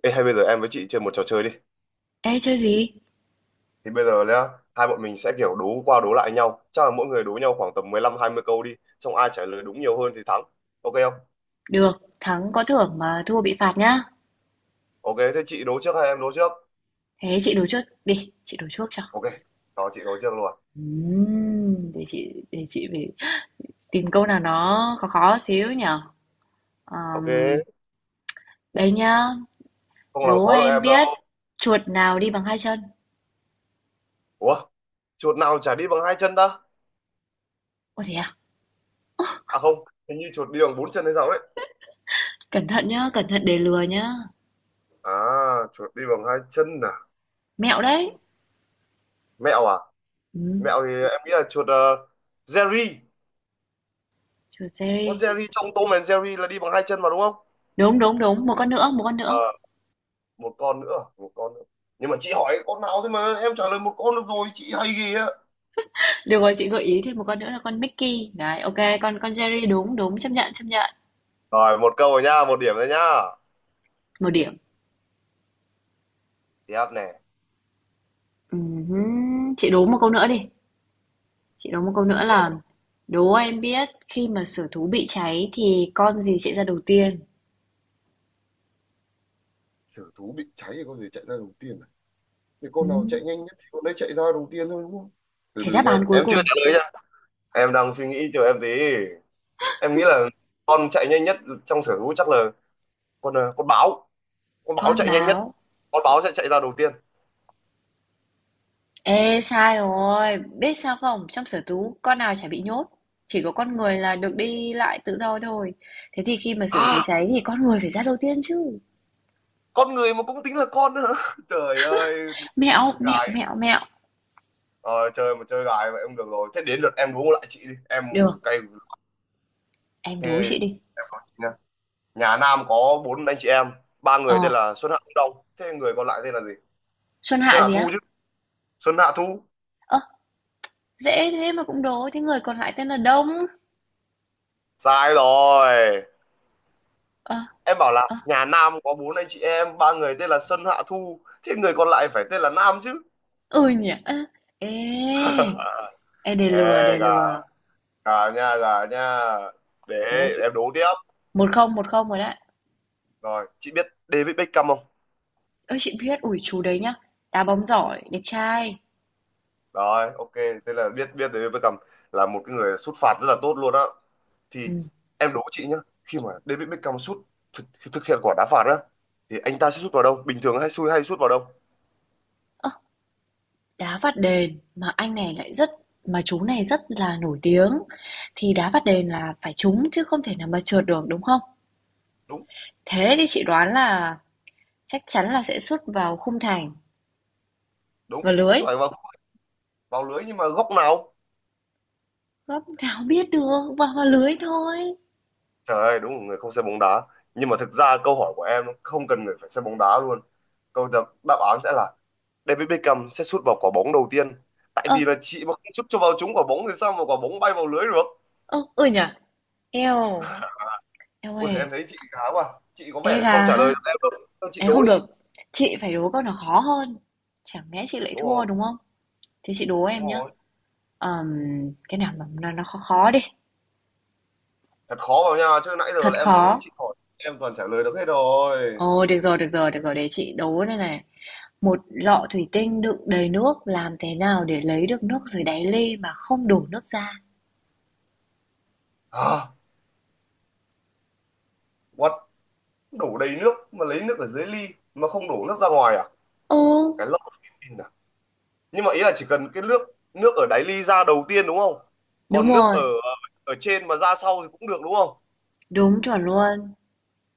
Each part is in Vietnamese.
Ê, hay bây giờ em với chị chơi một trò chơi đi. Ê chơi gì? Thì bây giờ nhá, hai bọn mình sẽ kiểu đố qua đố lại nhau. Chắc là mỗi người đố nhau khoảng tầm 15 20 câu đi, xong ai trả lời đúng nhiều hơn thì thắng. Ok không? Được, thắng có thưởng mà thua bị phạt nhá. Ok, thế chị đố trước hay em đố trước? Thế chị đố trước đi, chị đố trước cho. Ok, đó chị đố trước luôn. Để chị phải tìm câu nào nó khó khó xíu nhở. Ok, Ờm, đây nhá, không làm đố khó được em em đâu. biết chuột nào đi bằng hai chân. Ủa, chuột nào chả đi bằng hai chân ta? Ôi thế à? À không, hình như chuột đi bằng bốn chân hay sao ấy. Cẩn thận nhá, cẩn thận để lừa nhá. À, chuột đi bằng hai chân à? Mẹo đấy. Chuột... Mẹo à? Ừm, Mẹo thì em nghĩ là chuột Jerry. chuột Con Jerry. Jerry trong Tom and Jerry là đi bằng hai chân mà đúng không? Đúng đúng đúng, một con nữa, một con nữa. Ờ, một con nữa à? Một con nữa, nhưng mà chị hỏi con nào thế mà em trả lời một con được rồi, chị hay ghê á. Được rồi, chị gợi ý thêm một con nữa là con Mickey. Đấy, ok, con Jerry đúng đúng chấp nhận chấp nhận. Rồi một câu rồi nhá, một điểm rồi nha, Một điểm. tiếp này, Ừm Chị đố một câu nữa đi. Chị đố một câu nữa đúng là không? đố em biết khi mà sở thú bị cháy thì con gì sẽ ra đầu tiên? Thử thú bị cháy thì con gì chạy ra đầu tiên này, thì con nào Ừm, chạy nhanh nhất thì con đấy chạy ra đầu tiên thôi đúng không? Từ Thế từ đáp nha, án cuối em chưa cùng, trả lời nha, em đang suy nghĩ, chờ em tí. Em nghĩ là con chạy nhanh nhất trong sở thú chắc là con con báo, con báo con chạy nhanh nhất, báo. con báo sẽ chạy ra đầu tiên. Ê, sai rồi. Biết sao không? Trong sở thú con nào chả bị nhốt. Chỉ có con người là được đi lại tự do thôi. Thế thì khi mà sở thú À, cháy thì con người phải ra đầu tiên chứ. con người mà cũng tính là con nữa hả? Trời ơi, Mẹo, mẹo, gài. mẹo, mẹo. Ờ, chơi mà chơi gái vậy không được rồi, thế đến lượt em đố lại chị đi em. Được, Cay. em Thế đố chị đi. em nói chị nha, nhà Nam có bốn anh chị em, ba người Ờ, tên là Xuân Hạ Thu Đông, thế người còn lại tên là gì? Xuân Xuân Hạ Hạ gì Thu á? chứ. Xuân Hạ Thu. Ơ, dễ thế mà cũng đố. Thế người còn lại tên là Đông. Sai rồi, Ờ, em bảo là ờ. nhà Nam có bốn anh chị em, ba người tên là Xuân Hạ Thu, thế người còn lại phải tên là Nam chứ. Ừ nhỉ. Ơ, ê, ê đề Ê lừa, đề gà, lừa. gà nha, gà nha, để Thế là chị em đố tiếp. Một không rồi đấy. Rồi chị biết David Beckham không? Ơi chị biết ủi chú đấy nhá. Đá bóng giỏi, đẹp trai. Rồi, ok, thế là biết, biết David Beckham là một cái người sút phạt rất là tốt luôn á, thì Ừ. em đố chị nhá, khi mà David Beckham sút thực, thực hiện quả đá phạt á thì anh ta sẽ sút vào đâu, bình thường hay xui hay sút vào đâu? Ơ, đá phạt đền mà anh này lại rất mà chú này rất là nổi tiếng thì đá phạt đền là phải trúng chứ không thể nào mà trượt được đúng không? Đúng. Thế thì chị đoán là chắc chắn là sẽ sút vào khung thành Đúng. và lưới. Thế phải vào, vào lưới nhưng mà góc nào. Góc nào biết được, vào vào lưới thôi. Trời ơi, đúng là người không xem bóng đá, nhưng mà thực ra câu hỏi của em nó không cần người phải xem bóng đá luôn. Đáp án sẽ là David Beckham sẽ sút vào quả bóng đầu tiên, tại Ờ, vì là chị mà không sút cho vào trúng quả bóng thì sao mà quả bóng bay vào lưới được. ờ, ừ nhỉ. Eo, eo Ôi ơi, em thấy chị khá quá, chị có ê vẻ gà không trả ha. lời được em đâu. Thôi chị Ê, đố không đi. được, chị phải đố câu nào khó hơn. Chẳng lẽ chị lại Đúng thua rồi. đúng không? Thế chị đố Đúng em nhá. rồi, Ờm, cái nào mà nó khó khó đi, thật khó vào nha chứ nãy giờ thật là em thấy khó. chị hỏi em toàn trả lời được hết rồi. Ồ, được rồi, được rồi, được rồi, để chị đố đây này. Một lọ thủy tinh đựng đầy nước, làm thế nào để lấy được nước dưới đáy ly mà không đổ nước ra? À, what, đổ đầy nước mà lấy nước ở dưới ly mà không đổ nước ra ngoài à? Ừ, Cái lốc thông tin à? Nhưng mà ý là chỉ cần cái nước, nước ở đáy ly ra đầu tiên đúng không, đúng còn nước rồi, ở ở trên mà ra sau thì cũng được đúng không? đúng chuẩn luôn.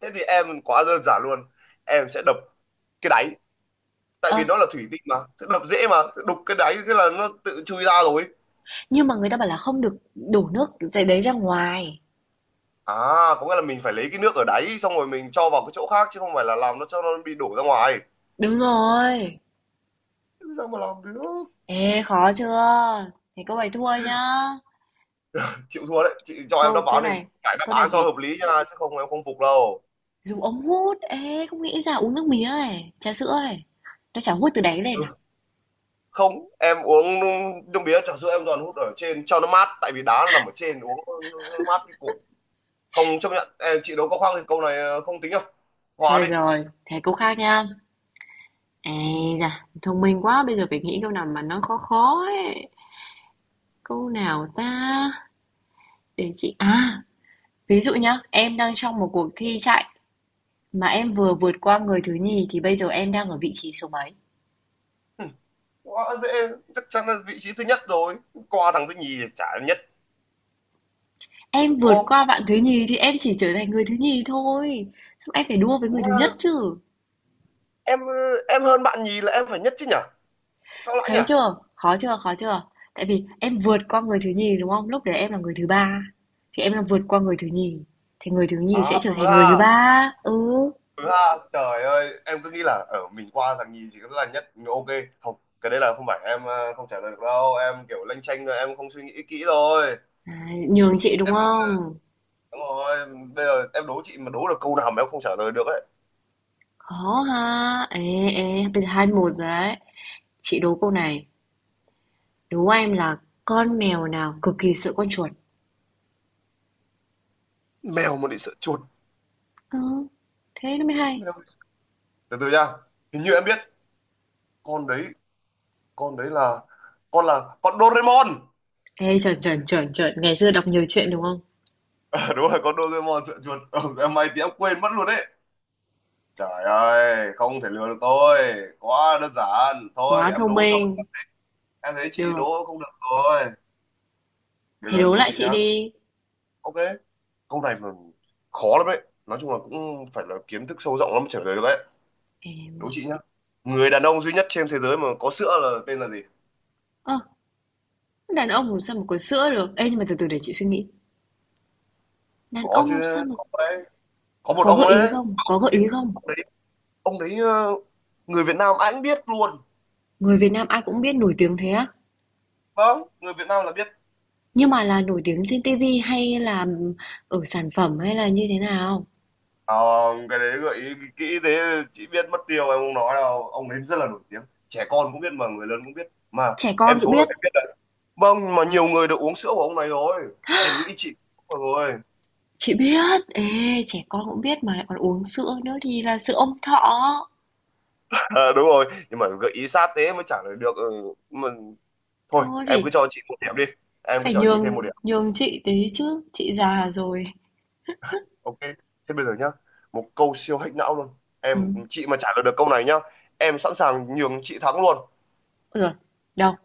Thế thì em quá đơn giản luôn, em sẽ đập cái đáy, tại Ơ, vì nó là thủy tinh mà sẽ đập dễ mà, sẽ đục cái đáy cái là nó tự chui ra rồi. nhưng mà người ta bảo là không được đổ nước dưới đấy ra ngoài. À, có nghĩa là mình phải lấy cái nước ở đáy xong rồi mình cho vào cái chỗ khác chứ không phải là làm nó cho nó bị đổ ra ngoài. Đúng rồi. Sao mà làm được. Ê, khó chưa? Thế cô ấy thua nhá. Chịu thua đấy, chị cho em đáp Câu án thì phải đáp câu này án cho phải hợp lý nha chứ không em không phục đâu. dùng ống hút. Ê, không nghĩ ra uống nước mía ấy, trà sữa ấy. Nó chả hút từ đáy lên Ừ. à? Không, em uống nước mía trà sữa em toàn hút ở trên cho nó mát tại vì đá nó nằm ở trên, uống nó mát cái cục. Không chấp nhận, em chị đấu có khoang thì câu này không tính đâu, hòa Thôi đi. rồi, thế câu khác nha. Ê da, thông minh quá, bây giờ phải nghĩ câu nào mà nó khó khó ấy. Câu nào ta? Để chị. À, ví dụ nhá, em đang trong một cuộc thi chạy mà em vừa vượt qua người thứ nhì thì bây giờ em đang ở vị trí số mấy? Ừ, quá dễ, chắc chắn là vị trí thứ nhất rồi, qua thằng thứ nhì thì chả nhất, Em đúng vượt không? qua bạn thứ nhì thì em chỉ trở thành người thứ nhì thôi. Xong em phải đua với người thứ Ủa, nhất chứ. em ờ, em hơn bạn nhì là em phải nhất chứ nhỉ, sao lại nhỉ. Thấy chưa? Khó chưa? Khó chưa? Tại vì em vượt qua người thứ nhì đúng không? Lúc đấy em là người thứ ba thì em là vượt qua người thứ nhì thì người thứ À nhì sẽ trở ừ thành ha. người thứ ba. Ừ. Ừ ha, trời ơi, em cứ nghĩ là ở mình qua thằng nhì chỉ có là nhất. Ok. Không, cái đấy là không phải em không trả lời được đâu, em kiểu lanh chanh rồi em không suy nghĩ kỹ rồi. À, nhường chị đúng không? Đúng rồi, bây giờ em đố chị mà đố được câu nào mà em không trả lời được ấy. Khó ha. Ê ê, bây giờ hai một rồi đấy. Chị đố câu này. Đố em là con mèo nào cực kỳ sợ con chuột? Mèo mà bị sợ chuột. Ừ, thế nó mới hay. Mèo. Từ từ nha. Hình như em biết con đấy, con đấy là con Doraemon. Ê chuẩn chuẩn chuẩn chuẩn, ngày xưa đọc nhiều chuyện đúng không? Đúng rồi, con Doraemon sợ chuột. Ừ, em may thì em quên mất luôn đấy. Trời ơi, không thể lừa được tôi. Quá đơn giản. Thôi Quá để em thông đố cho. minh. Em thấy chị Được. đố không được rồi. Đấy Thế là đố đố lại chị chị nhá. đi. Ok, câu này mà khó lắm đấy. Nói chung là cũng phải là kiến thức sâu rộng lắm mới trả lời được đấy. Đố Em chị nhá. Người đàn ông duy nhất trên thế giới mà có sữa là tên là gì? Ơ, đàn ông làm sao mà có sữa được? Ê, nhưng mà từ từ để chị suy nghĩ. Đàn Có ông làm sao chứ, mà có đấy. Có một có ông gợi ý ấy. không? Có gợi Ê, ý không? ông đấy, ông đấy, người Việt Nam anh biết luôn. Người Việt Nam ai cũng biết nổi tiếng thế á. Vâng, người Việt Nam là biết. Nhưng mà là nổi tiếng trên TV hay là ở sản phẩm hay là như thế nào? Không, cái đấy gợi ý kỹ thế chị biết mất tiêu em không nói đâu. Ông ấy rất là nổi tiếng. Trẻ con cũng biết mà người lớn cũng biết. Mà Trẻ em con cũng số rồi biết. em biết đấy. Vâng, mà nhiều người được uống sữa của ông này rồi. Em nghĩ chị cũng rồi. Chị biết. Ê, trẻ con cũng biết mà lại còn uống sữa nữa thì là sữa Ông Thọ. Ờ, đúng rồi nhưng mà gợi ý sát thế mới trả lời được, ừ, mà thôi Thôi em cứ phải cho chị một điểm đi, em cứ phải cho chị thêm một nhường điểm. nhường chị tí chứ. Chị già rồi. Ok, thế bây giờ nhá, một câu siêu hack não luôn, Ừ. em chị mà trả lời được câu này nhá, em sẵn sàng nhường chị thắng luôn. Rồi. Đâu?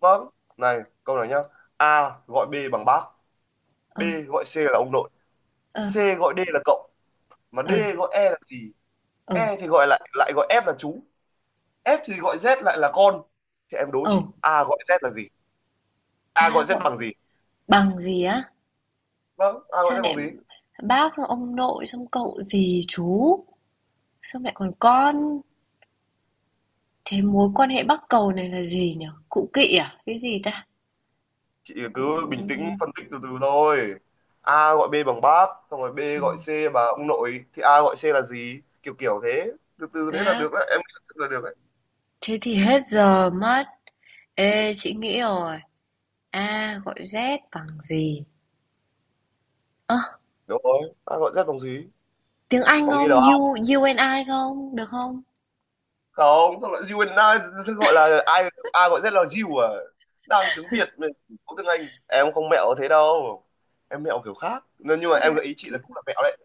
Vâng, này câu này nhá, A gọi B bằng bác, B Ờ. gọi C là ông nội, Ờ. C gọi D là cậu, mà D Ờ. gọi E là gì, Ờ. E thì gọi lại lại gọi F là chú, F thì gọi Z lại là con, thì em đố Ờ. chị A gọi Z là gì, A gọi À Z gọi bằng gì, bằng gì á? vâng A gọi Sao Z bằng lại gì. bác, xong ông nội, xong cậu dì chú, xong lại còn con. Thế mối quan hệ bắc cầu này là gì nhỉ? Cụ kỵ à? Cái gì ta? Chị cứ bình Ừm, tĩnh phân tích từ từ thôi. A gọi B bằng bác xong rồi B gọi C bằng ông nội thì A gọi C là gì, kiểu kiểu thế, từ từ thế là bác. được đấy, em nghĩ là rất là được đấy. Thế thì hết giờ mất. Ê, chị nghĩ rồi. A gọi Z bằng gì? Ơ, à, Đúng rồi, A gọi Z bằng gì, tiếng Anh có nghĩ không? được không? U and I không? Được không? Không, xong lại you and I, thế gọi là ai, A gọi Z là you à? Đang tiếng Việt mà, có tiếng Anh em không mẹo thế đâu, em mẹo kiểu khác nên nhưng mà em Mẹ, gợi ý chị là cũng là mẹo đấy.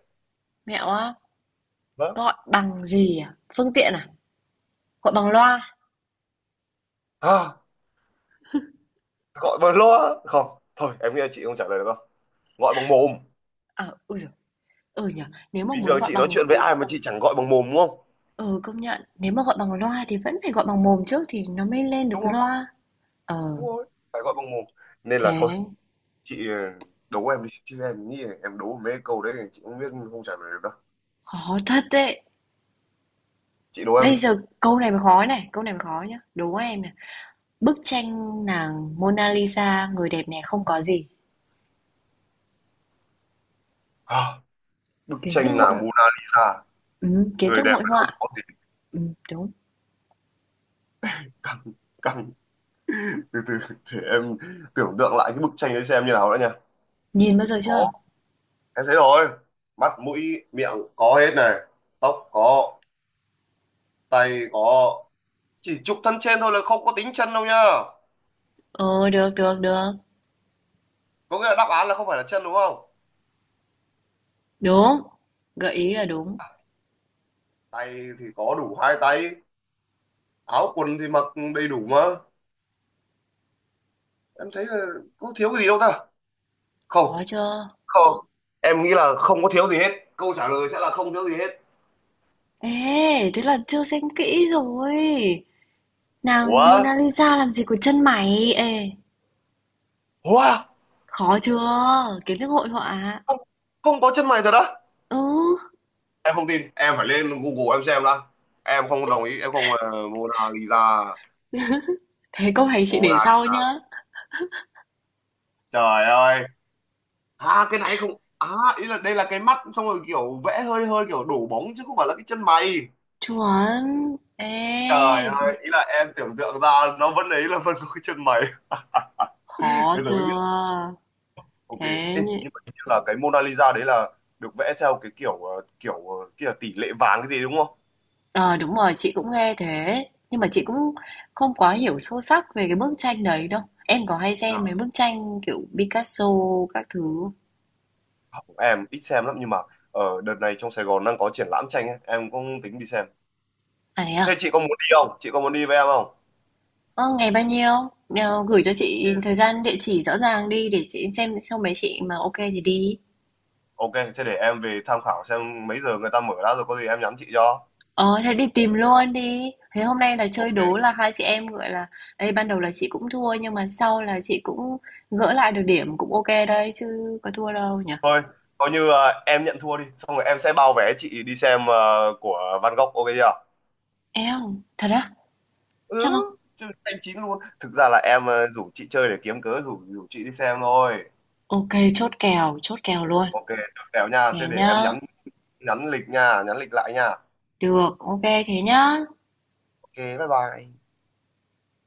mẹo á. Vâng, Gọi bằng gì à? Phương tiện à? Gọi bằng loa? à, gọi bằng loa không, thôi em nghĩ là chị không trả lời được đâu, gọi bằng mồm. Ờ, à, ui giời, ừ nhỉ. Nếu mà Bình muốn thường gọi chị nói bằng. chuyện với ai mà chị chẳng gọi bằng mồm đúng không. Ừ, công nhận. Nếu mà gọi bằng loa thì vẫn phải gọi bằng mồm trước thì nó mới lên được Đúng rồi, loa. Ờ, đúng rồi, phải gọi bằng mồm, nên là thôi thế chị đố em đi chứ em nghĩ là em đố mấy câu đấy chị không biết, không trả lời được đâu. khó thật đấy. Chị đố em Bây đi. giờ câu này mới khó này, câu này mới khó nhá. Đố em này. Bức tranh nàng Mona Lisa, người đẹp này không có gì. À, bức Kiến thức tranh hội nàng Mona Lisa, ừ, kiến người thức đẹp hội mà không họa. có gì. Ừ, đúng. Căng. Căng. Từ từ, để em tưởng tượng lại cái bức tranh đấy xem như nào đã nha. Nhìn bao giờ Có, chưa? em thấy rồi, mắt mũi miệng có hết này, tóc có, tay có, chỉ chụp thân trên thôi là không có tính chân đâu nhá. Ờ, được, được, được. Có nghĩa là đáp án là không phải là chân đúng không. Đúng. Gợi ý là đúng. Tay thì có đủ hai tay, áo quần thì mặc đầy đủ mà, em thấy là có thiếu cái gì đâu ta. Không, Khó chưa? không, em nghĩ là không có thiếu gì hết, câu trả lời sẽ là không thiếu gì hết. Ê, thế là chưa xem kỹ rồi. Nàng Ủa. Mona Lisa làm gì có chân mày? Ê. Ủa. Khó chưa? Kiến thức hội họa à? Không, không có chân mày thật á? Ừ, Em không tin, em phải lên Google em xem đã, em không đồng ý, em không Mona Lisa. thế câu này chị Mona để sau Lisa, nhá. trời ơi, à cái này không, à, ý là đây là cái mắt xong rồi kiểu vẽ hơi hơi kiểu đổ bóng chứ không phải là cái chân mày. Chuẩn. Trời Ê, ơi, ý là em tưởng tượng ra nó vẫn ấy là vẫn có cái chân mày. khó Bây giờ mới chưa? biết. Ok. Thế Ê, nhỉ? nhưng mà hình như là cái Mona Lisa đấy là được vẽ theo cái kiểu kiểu kia là tỷ lệ vàng cái gì đúng không. Ờ đúng rồi, chị cũng nghe thế. Nhưng mà chị cũng không quá hiểu sâu sắc về cái bức tranh đấy đâu. Em có hay xem mấy Dạ. bức tranh kiểu Picasso các thứ không? Không, em ít xem lắm nhưng mà ở đợt này trong Sài Gòn đang có triển lãm tranh ấy, em cũng tính đi xem. À thế Thế à? chị có muốn đi không, chị có muốn đi với em không? Ờ, ngày bao nhiêu? Ờ, gửi cho chị Ừ. thời gian địa chỉ rõ ràng đi để chị xem xong mấy chị mà ok thì đi. Ok, thế để em về tham khảo xem mấy giờ người ta mở ra rồi có gì em nhắn chị cho. Ờ, thế đi tìm luôn đi. Thế hôm nay là chơi Ok, đố là hai chị em gọi là đây ban đầu là chị cũng thua nhưng mà sau là chị cũng gỡ lại được điểm cũng ok đấy chứ có thua đâu nhỉ? thôi coi như em nhận thua đi xong rồi em sẽ bao vé chị đi xem của Van Gogh, ok chưa? Eo, thật á? Chắc Ừ, không? chứ anh chín luôn, thực ra là em rủ chị chơi để kiếm cớ rủ rủ chị đi xem thôi. Ok, chốt kèo luôn. Ok, chốt kèo nha, Thế thế để em nhá. nhắn, nhắn lịch nha nhắn lịch lại nha. Được, ok thế nhá. Ok bye bye.